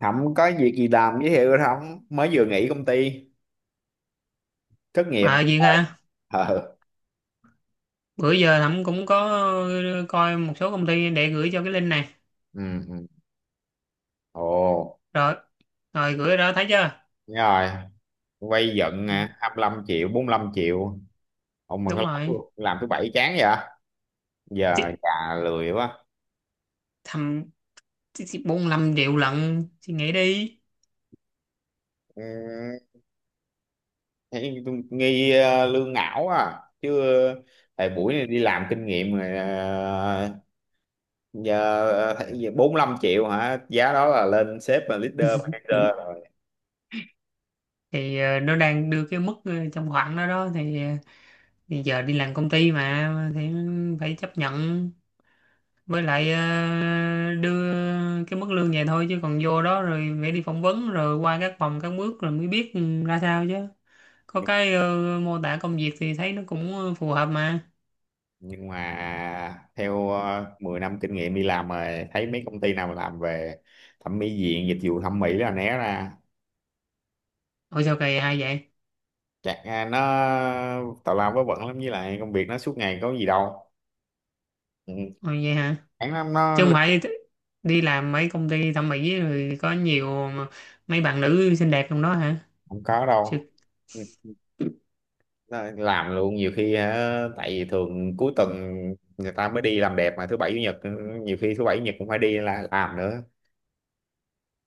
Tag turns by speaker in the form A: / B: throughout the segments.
A: Không có việc gì làm giới thiệu không mới vừa nghỉ công ty thất nghiệp.
B: À Duyên ha,
A: Ờ.
B: bữa giờ Thẩm cũng có coi một số công ty để gửi cho cái link này.
A: Ừ. Ừ. Ừ. Ồ.
B: Rồi, rồi gửi đó thấy chưa?
A: Đúng rồi. Quay giận
B: Ừ,
A: à, 25 triệu 45 triệu. Ông mà có
B: đúng rồi.
A: làm thứ bảy chán vậy. Giờ
B: Chị,
A: già lười quá.
B: thầm chị 45 triệu lận, chị nghĩ đi.
A: Ừ, thấy tôi nghi lương ngảo à chứ. ờ, thời buổi này đi làm kinh nghiệm rồi. Thấy gì, 45 triệu hả, giá đó là lên sếp và leader
B: Ừ.
A: manager rồi.
B: Thì nó đang đưa cái mức trong khoảng đó đó thì giờ đi làm công ty mà thì phải chấp nhận, với lại đưa cái mức lương vậy thôi chứ còn vô đó rồi phải đi phỏng vấn rồi qua các vòng các bước rồi mới biết ừ, ra sao chứ. Có cái mô tả công việc thì thấy nó cũng phù hợp mà.
A: Nhưng mà theo 10 năm kinh nghiệm đi làm rồi, thấy mấy công ty nào làm về thẩm mỹ viện, dịch vụ thẩm mỹ là né ra.
B: Ủa sao kỳ hay vậy?
A: Nó tào lao vớ vẩn lắm, với lại công việc nó suốt ngày có gì đâu. Ừ.
B: Ồ, vậy hả?
A: Chán lắm nó.
B: Chứ không phải đi làm mấy công ty thẩm mỹ rồi có nhiều mấy bạn nữ xinh đẹp trong đó hả?
A: Không có đâu.
B: Chứ-
A: Ừ. Nó làm luôn nhiều khi hả, tại vì thường cuối tuần người ta mới đi làm đẹp, mà thứ bảy chủ nhật ừ, nhiều khi thứ bảy chủ nhật cũng phải đi là làm nữa.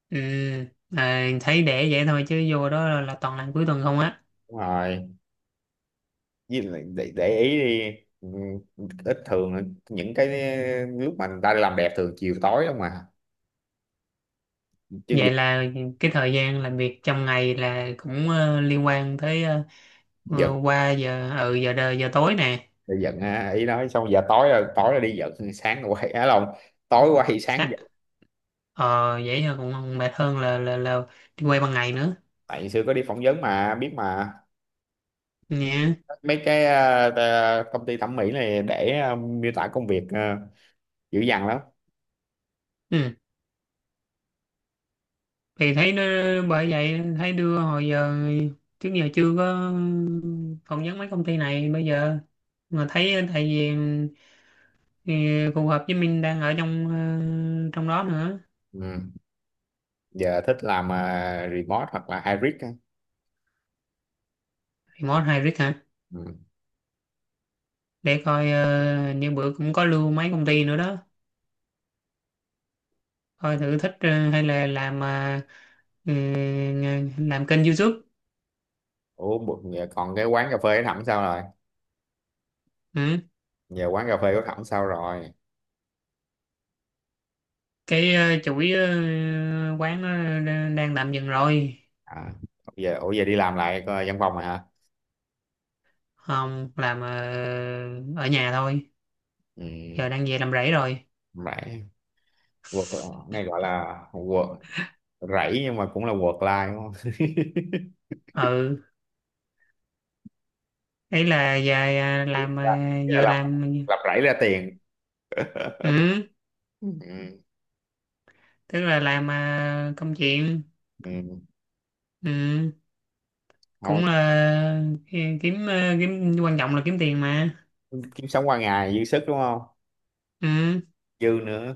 B: ừ, à, thấy để vậy thôi chứ vô đó là toàn làm cuối tuần không á.
A: Đúng rồi, với lại để ý đi ừ, ít thường những cái lúc mà người ta đi làm đẹp thường chiều tối không mà, chứ gi-
B: Vậy là cái thời gian làm việc trong ngày là cũng liên quan tới
A: giận
B: qua giờ ừ giờ đời giờ tối nè.
A: thì giận à, ý nói xong giờ tối rồi, tối là đi giận sáng rồi quay á lòng, tối quay sáng
B: Sáng-
A: giận.
B: ờ vậy thôi cũng mệt hơn là đi quay ban ngày nữa
A: Tại xưa có đi phỏng vấn mà biết mà,
B: nha.
A: mấy cái công ty thẩm mỹ này để miêu tả công việc dữ dằn lắm.
B: Ừ. Thì thấy nó, bởi vậy thấy đưa hồi giờ trước giờ chưa có phỏng vấn mấy công ty này bây giờ mà thấy tại vì ừ, phù hợp với mình đang ở trong đó nữa.
A: Ừ. Giờ thích làm remote hoặc là hybrid á.
B: Remote hybrid hả?
A: Ừ.
B: Để coi như bữa cũng có lưu mấy công ty nữa đó, coi thử thích hay là ừ, làm kênh YouTube.
A: Ủa, giờ còn cái quán cà phê của Thẩm sao rồi?
B: Ừ.
A: Giờ quán cà phê của Thẩm sao rồi?
B: Cái chuỗi quán nó đang tạm dừng rồi.
A: À, giờ ủa giờ đi làm lại coi văn phòng rồi hả?
B: Không, làm ở nhà thôi.
A: Ừ.
B: Giờ đang về làm rẫy rồi.
A: Rẫy. Work này gọi là work. Rẫy nhưng mà cũng là work life đúng không?
B: Ừ. Ấy là giờ
A: Ý
B: làm
A: là, ý là
B: vừa
A: lập
B: làm.
A: lập rẫy ra tiền.
B: Ừ.
A: Ừ.
B: Tức là làm công chuyện.
A: Ừ.
B: Ừ.
A: Thôi.
B: Cũng là kiếm kiếm, quan trọng là kiếm tiền mà.
A: Kiếm sống qua ngày dư sức đúng không?
B: Ừ,
A: Dư nữa.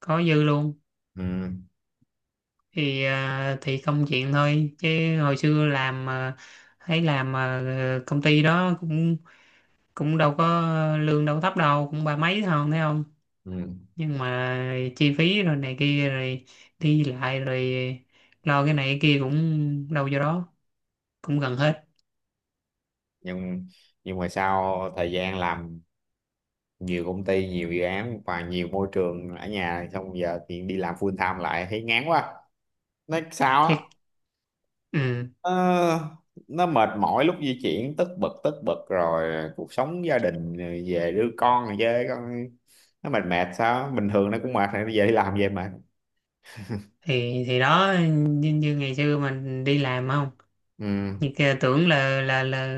B: có dư luôn.
A: Ừ.
B: Thì thì công chuyện thôi chứ, hồi xưa làm thấy làm công ty đó cũng cũng đâu có lương đâu có thấp đâu, cũng ba mấy thôi thấy không.
A: Ừ.
B: Nhưng mà chi phí rồi này kia rồi đi lại rồi lo cái này cái kia cũng đâu vô đó, cũng gần hết.
A: Nhưng nhưng mà sau thời gian làm nhiều công ty, nhiều dự án và nhiều môi trường ở nhà, xong giờ thì đi làm full time lại thấy ngán quá. Nói sao á?
B: Thiệt. Ừ,
A: Ờ, nó mệt mỏi lúc di chuyển, tất bật tất bật, rồi cuộc sống gia đình rồi về đưa con rồi với con, nó mệt mệt sao, bình thường nó cũng mệt rồi, nó về đi làm về mệt.
B: thì đó, như ngày xưa mình đi làm không,
A: Ừ.
B: như kia tưởng là là là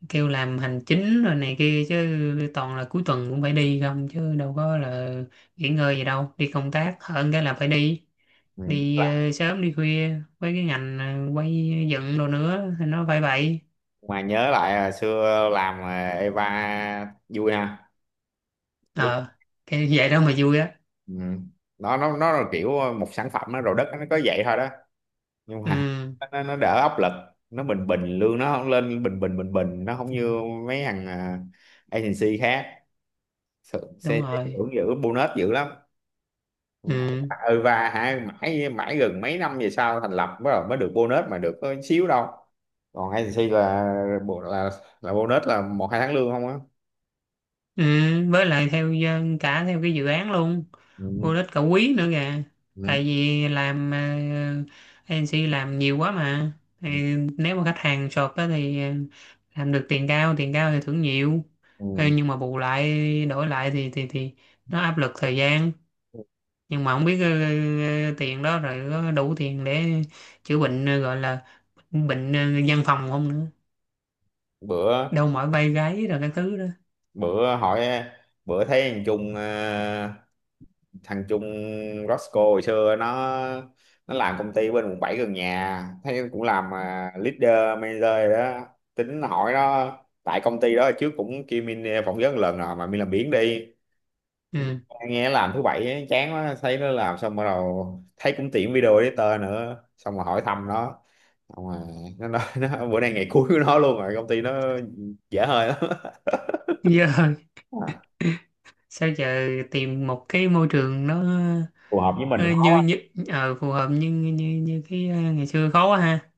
B: ờ, kêu làm hành chính rồi này kia chứ toàn là cuối tuần cũng phải đi không chứ đâu có là nghỉ ngơi gì đâu, đi công tác hơn, cái là phải đi
A: Ừ.
B: đi ờ, sớm đi khuya, với cái ngành quay dựng đồ nữa thì nó phải vậy.
A: Mà nhớ lại hồi xưa làm Eva vui ha. Lúc
B: ờ cái vậy đó mà vui á.
A: ừ. Nó nó là kiểu một sản phẩm nó rồi đất nó có vậy thôi đó, nhưng mà
B: Ừ,
A: nó đỡ áp lực. Nó bình bình, lương nó không lên, bình bình bình bình, nó không như mấy agency khác.
B: đúng
A: Xe xe
B: rồi.
A: hưởng dữ, bonus dữ lắm.
B: Ừ.
A: Ừ, và hả mãi mãi gần mấy năm về sau thành lập mới mới được bonus mà được có xíu đâu. Còn agency là, bộ- là là bonus là một hai tháng lương không á.
B: Ừ. Với lại theo cả theo cái dự án luôn,
A: Ừ.
B: vô đích cả quý nữa kìa.
A: Ừ.
B: Tại vì làm agency làm nhiều quá mà,
A: Ừ.
B: thì nếu mà khách hàng short á thì làm được tiền cao, tiền cao thì thưởng nhiều. Ờ,
A: Ừ.
B: nhưng mà bù lại đổi lại thì nó áp lực thời gian, nhưng mà không biết tiền đó rồi có đủ tiền để chữa bệnh gọi là bệnh văn phòng không nữa,
A: Bữa,
B: đâu mỏi vai gáy rồi cái thứ đó.
A: bữa bữa thấy thằng thằng Trung Roscoe hồi xưa nó làm công ty bên quận 7 gần nhà, thấy cũng làm leader manager rồi đó. Tính hỏi nó, tại công ty đó trước cũng kêu Min phỏng vấn lần rồi mà Min làm biếng đi
B: Ừ.
A: nghe làm thứ bảy ấy, chán quá, thấy nó làm xong bắt đầu thấy cũng tiện video editor nữa, xong rồi hỏi thăm nó, xong rồi nó nói nó, bữa nay ngày cuối của nó luôn rồi, công ty nó dễ hơi lắm.
B: Giờ
A: À,
B: sao giờ tìm một cái môi trường nó
A: phù hợp với mình
B: ờ, như
A: không?
B: như phù hợp như như như cái ngày xưa khó quá ha.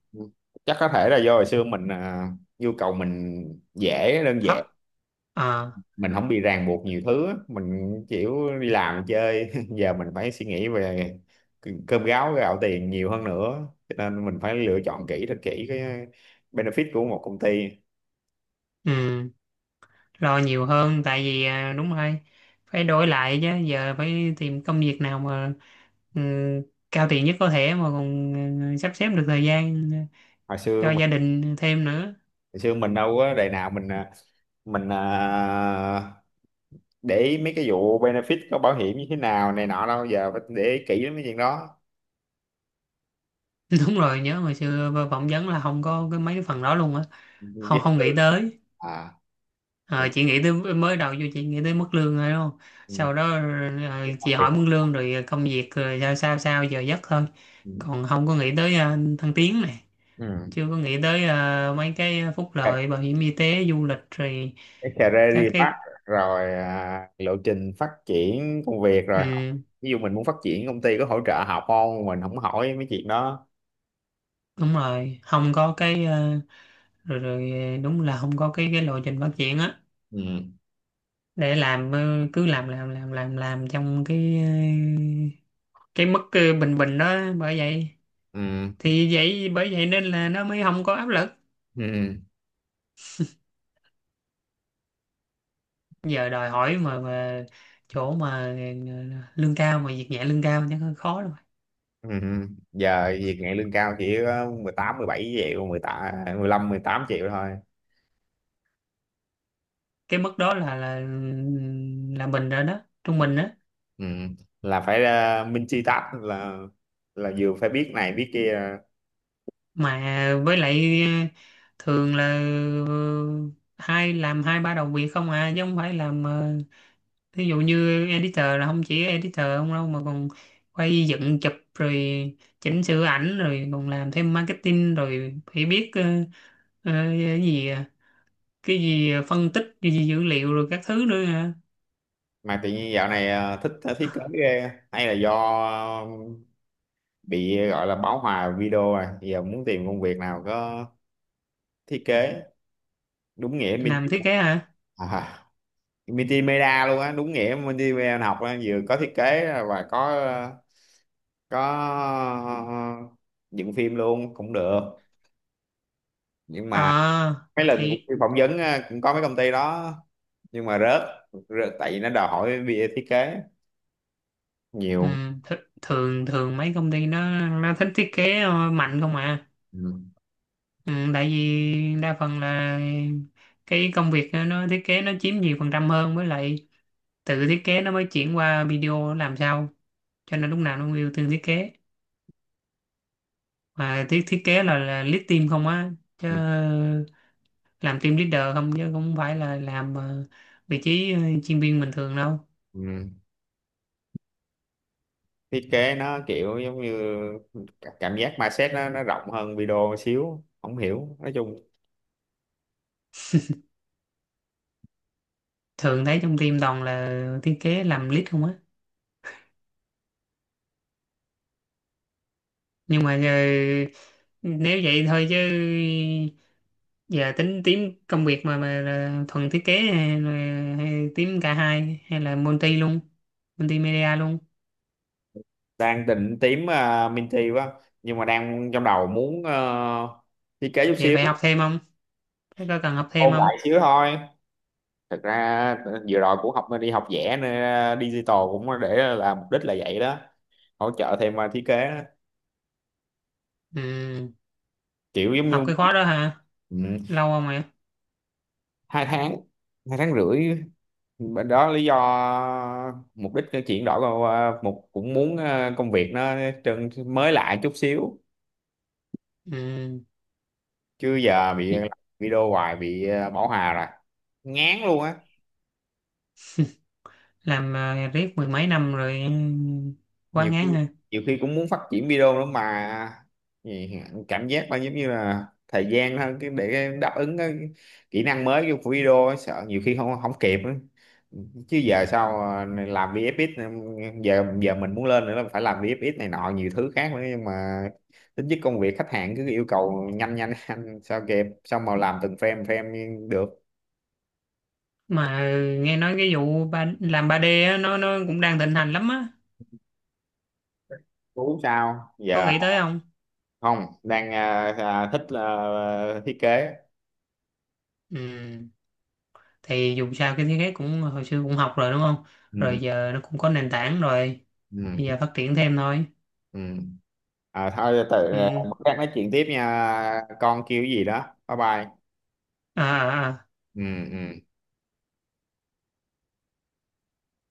A: Chắc có thể là do hồi xưa nhu cầu mình dễ, đơn
B: Thấp.
A: giản,
B: Ờ.
A: mình không bị ràng buộc nhiều thứ á. Mình chịu đi làm chơi. Giờ mình phải suy nghĩ về cơm gáo gạo tiền nhiều hơn nữa, cho nên mình phải lựa chọn kỹ, thật kỹ cái benefit của một công ty.
B: Ừ. Lo nhiều hơn tại vì đúng rồi, phải đổi lại chứ giờ phải tìm công việc nào mà ừ, cao tiền nhất có thể mà còn sắp xếp được thời gian
A: hồi xưa
B: cho
A: mình
B: gia đình thêm nữa.
A: hồi xưa mình đâu có đời nào mình để ý mấy cái vụ benefit có bảo hiểm như thế nào này nọ đâu, giờ phải để ý kỹ lắm cái chuyện đó.
B: Đúng rồi, nhớ hồi xưa phỏng vấn là không có cái mấy cái phần đó luôn á.
A: Đi
B: Không,
A: học
B: không nghĩ
A: lương.
B: tới.
A: À.
B: Ờ,
A: mình,
B: chị nghĩ tới, mới đầu vô chị nghĩ tới mức lương rồi đúng không?
A: mình,
B: Sau đó chị
A: mình,
B: hỏi mức lương rồi công việc rồi sao sao sao giờ giấc thôi.
A: ừ.
B: Còn không có nghĩ tới thăng tiến này,
A: Ừ.
B: chưa có nghĩ tới mấy cái phúc lợi bảo hiểm y tế, du lịch rồi
A: Cái
B: các
A: career path,
B: cái.
A: rồi lộ trình phát triển công việc, rồi học.
B: Ừ,
A: Ví dụ mình muốn phát triển, công ty có hỗ trợ học không, mình không hỏi mấy chuyện đó.
B: đúng rồi, không có cái ờ, rồi rồi ờ, đúng là không có cái lộ trình phát triển á.
A: Ừ.
B: Để làm cứ làm trong cái mức bình bình đó, bởi vậy.
A: Ừ.
B: Thì vậy, bởi vậy nên là nó mới không có áp lực.
A: Ừ.
B: Giờ đòi hỏi mà chỗ mà lương cao mà việc nhẹ, lương cao chắc hơi khó rồi.
A: Ừ. Ừ. Giờ việc nhẹ lương cao chỉ có 18 17 triệu 18 15 18 triệu thôi.
B: Cái mức đó là mình rồi đó, trung bình đó.
A: Ừ, là phải minh chi tách là vừa phải biết này biết kia.
B: Mà với lại thường là ờ, hai làm hai ba đầu việc không à, chứ không phải làm ví dụ như editor là không chỉ editor không đâu, mà còn quay dựng chụp rồi chỉnh sửa ảnh rồi còn làm thêm marketing rồi phải biết ờ, cái gì à, phân tích cái gì dữ liệu rồi các thứ nữa hả.
A: Mà tự nhiên dạo này thích thiết kế ghê, hay là do ờ, bị gọi là bão hòa video rồi, giờ muốn tìm công việc nào có thiết kế, đúng nghĩa
B: Làm thiết
A: multimedia.
B: kế hả?
A: à, multimedia luôn á, đúng nghĩa multimedia học á, vừa có thiết kế và có dựng phim luôn cũng được. Nhưng mà
B: ờ
A: mấy lần cũng
B: thì
A: đi phỏng vấn á, cũng có mấy công ty đó, nhưng mà rớt tại vì nó đòi hỏi bia thiết kế
B: ừ,
A: nhiều.
B: th thường thường mấy công ty nó thích thiết kế mạnh không à.
A: Ừ.
B: Ừ, tại vì đa phần là cái công việc nó thiết kế nó chiếm nhiều phần trăm hơn, với lại tự thiết kế nó mới chuyển qua video làm sao, cho nên lúc nào nó cũng ưu tiên thiết kế. Mà thiết thiết kế là lead team không á, chứ
A: Ừ.
B: làm team leader không chứ không phải là làm vị trí chuyên viên bình thường đâu.
A: Ừ. Thiết kế nó kiểu giống như cảm giác mindset nó rộng hơn video một xíu, không hiểu nói chung.
B: Thường thấy trong team toàn là thiết kế làm lead không á. Nhưng mà giờ, nếu vậy thôi chứ giờ tính team công việc mà là thuần thiết kế hay là, hay team cả hai, hay là multi luôn, multimedia luôn.
A: Đang định tím Minty quá, nhưng mà đang trong đầu muốn thiết kế chút
B: Vậy
A: xíu.
B: phải học thêm không? Phải có cần học thêm
A: Ôn
B: không?
A: lại xíu thôi. Thật ra vừa rồi cũng học, đi học vẽ nên digital cũng để là mục đích là vậy đó, hỗ trợ thêm thiết kế đó.
B: Ừ.
A: Kiểu giống
B: Học cái
A: như
B: khóa đó hả?
A: ừ,
B: Lâu không ạ?
A: 2 tháng, 2 tháng rưỡi. Đó lý do, mục đích cái chuyển đổi vào, ờ, một cũng muốn công việc nó trơn mới lại chút xíu.
B: Ừ.
A: Chứ giờ bị làm video hoài bị bảo hòa rồi, ngán luôn á.
B: Làm riết mười mấy năm rồi ừ, quá
A: Nhiều
B: ngán
A: khi,
B: hả?
A: nhiều khi cũng muốn phát triển video nữa mà. Gì- cảm giác là giống như là thời gian hơn cái để đáp ứng cái kỹ năng mới của video ấy, sợ nhiều khi không không kịp ấy. Chứ giờ sao mà làm VFX, giờ giờ mình muốn lên nữa là phải làm VFX này nọ nhiều thứ khác nữa, nhưng mà tính chất công việc khách hàng cứ yêu cầu nhanh nhanh nhanh, sao kịp sao mà làm từng frame frame được.
B: Mà nghe nói cái vụ làm 3D á, nó cũng đang thịnh hành lắm á.
A: Tú sao
B: Có
A: giờ?
B: nghĩ tới không?
A: Không, đang thích thiết kế.
B: Ừ. Thì dù sao cái thiết kế cũng hồi xưa cũng học rồi đúng không?
A: Ừ.
B: Rồi giờ nó cũng có nền tảng rồi.
A: Ừ.
B: Bây
A: Ừ.
B: giờ phát triển thêm thôi.
A: Ừ. À thôi tự
B: Ừ.
A: bữa khác nói chuyện tiếp nha. Con kêu cái gì đó. Bye bye.
B: À, à, à.
A: Ừ. Ừ.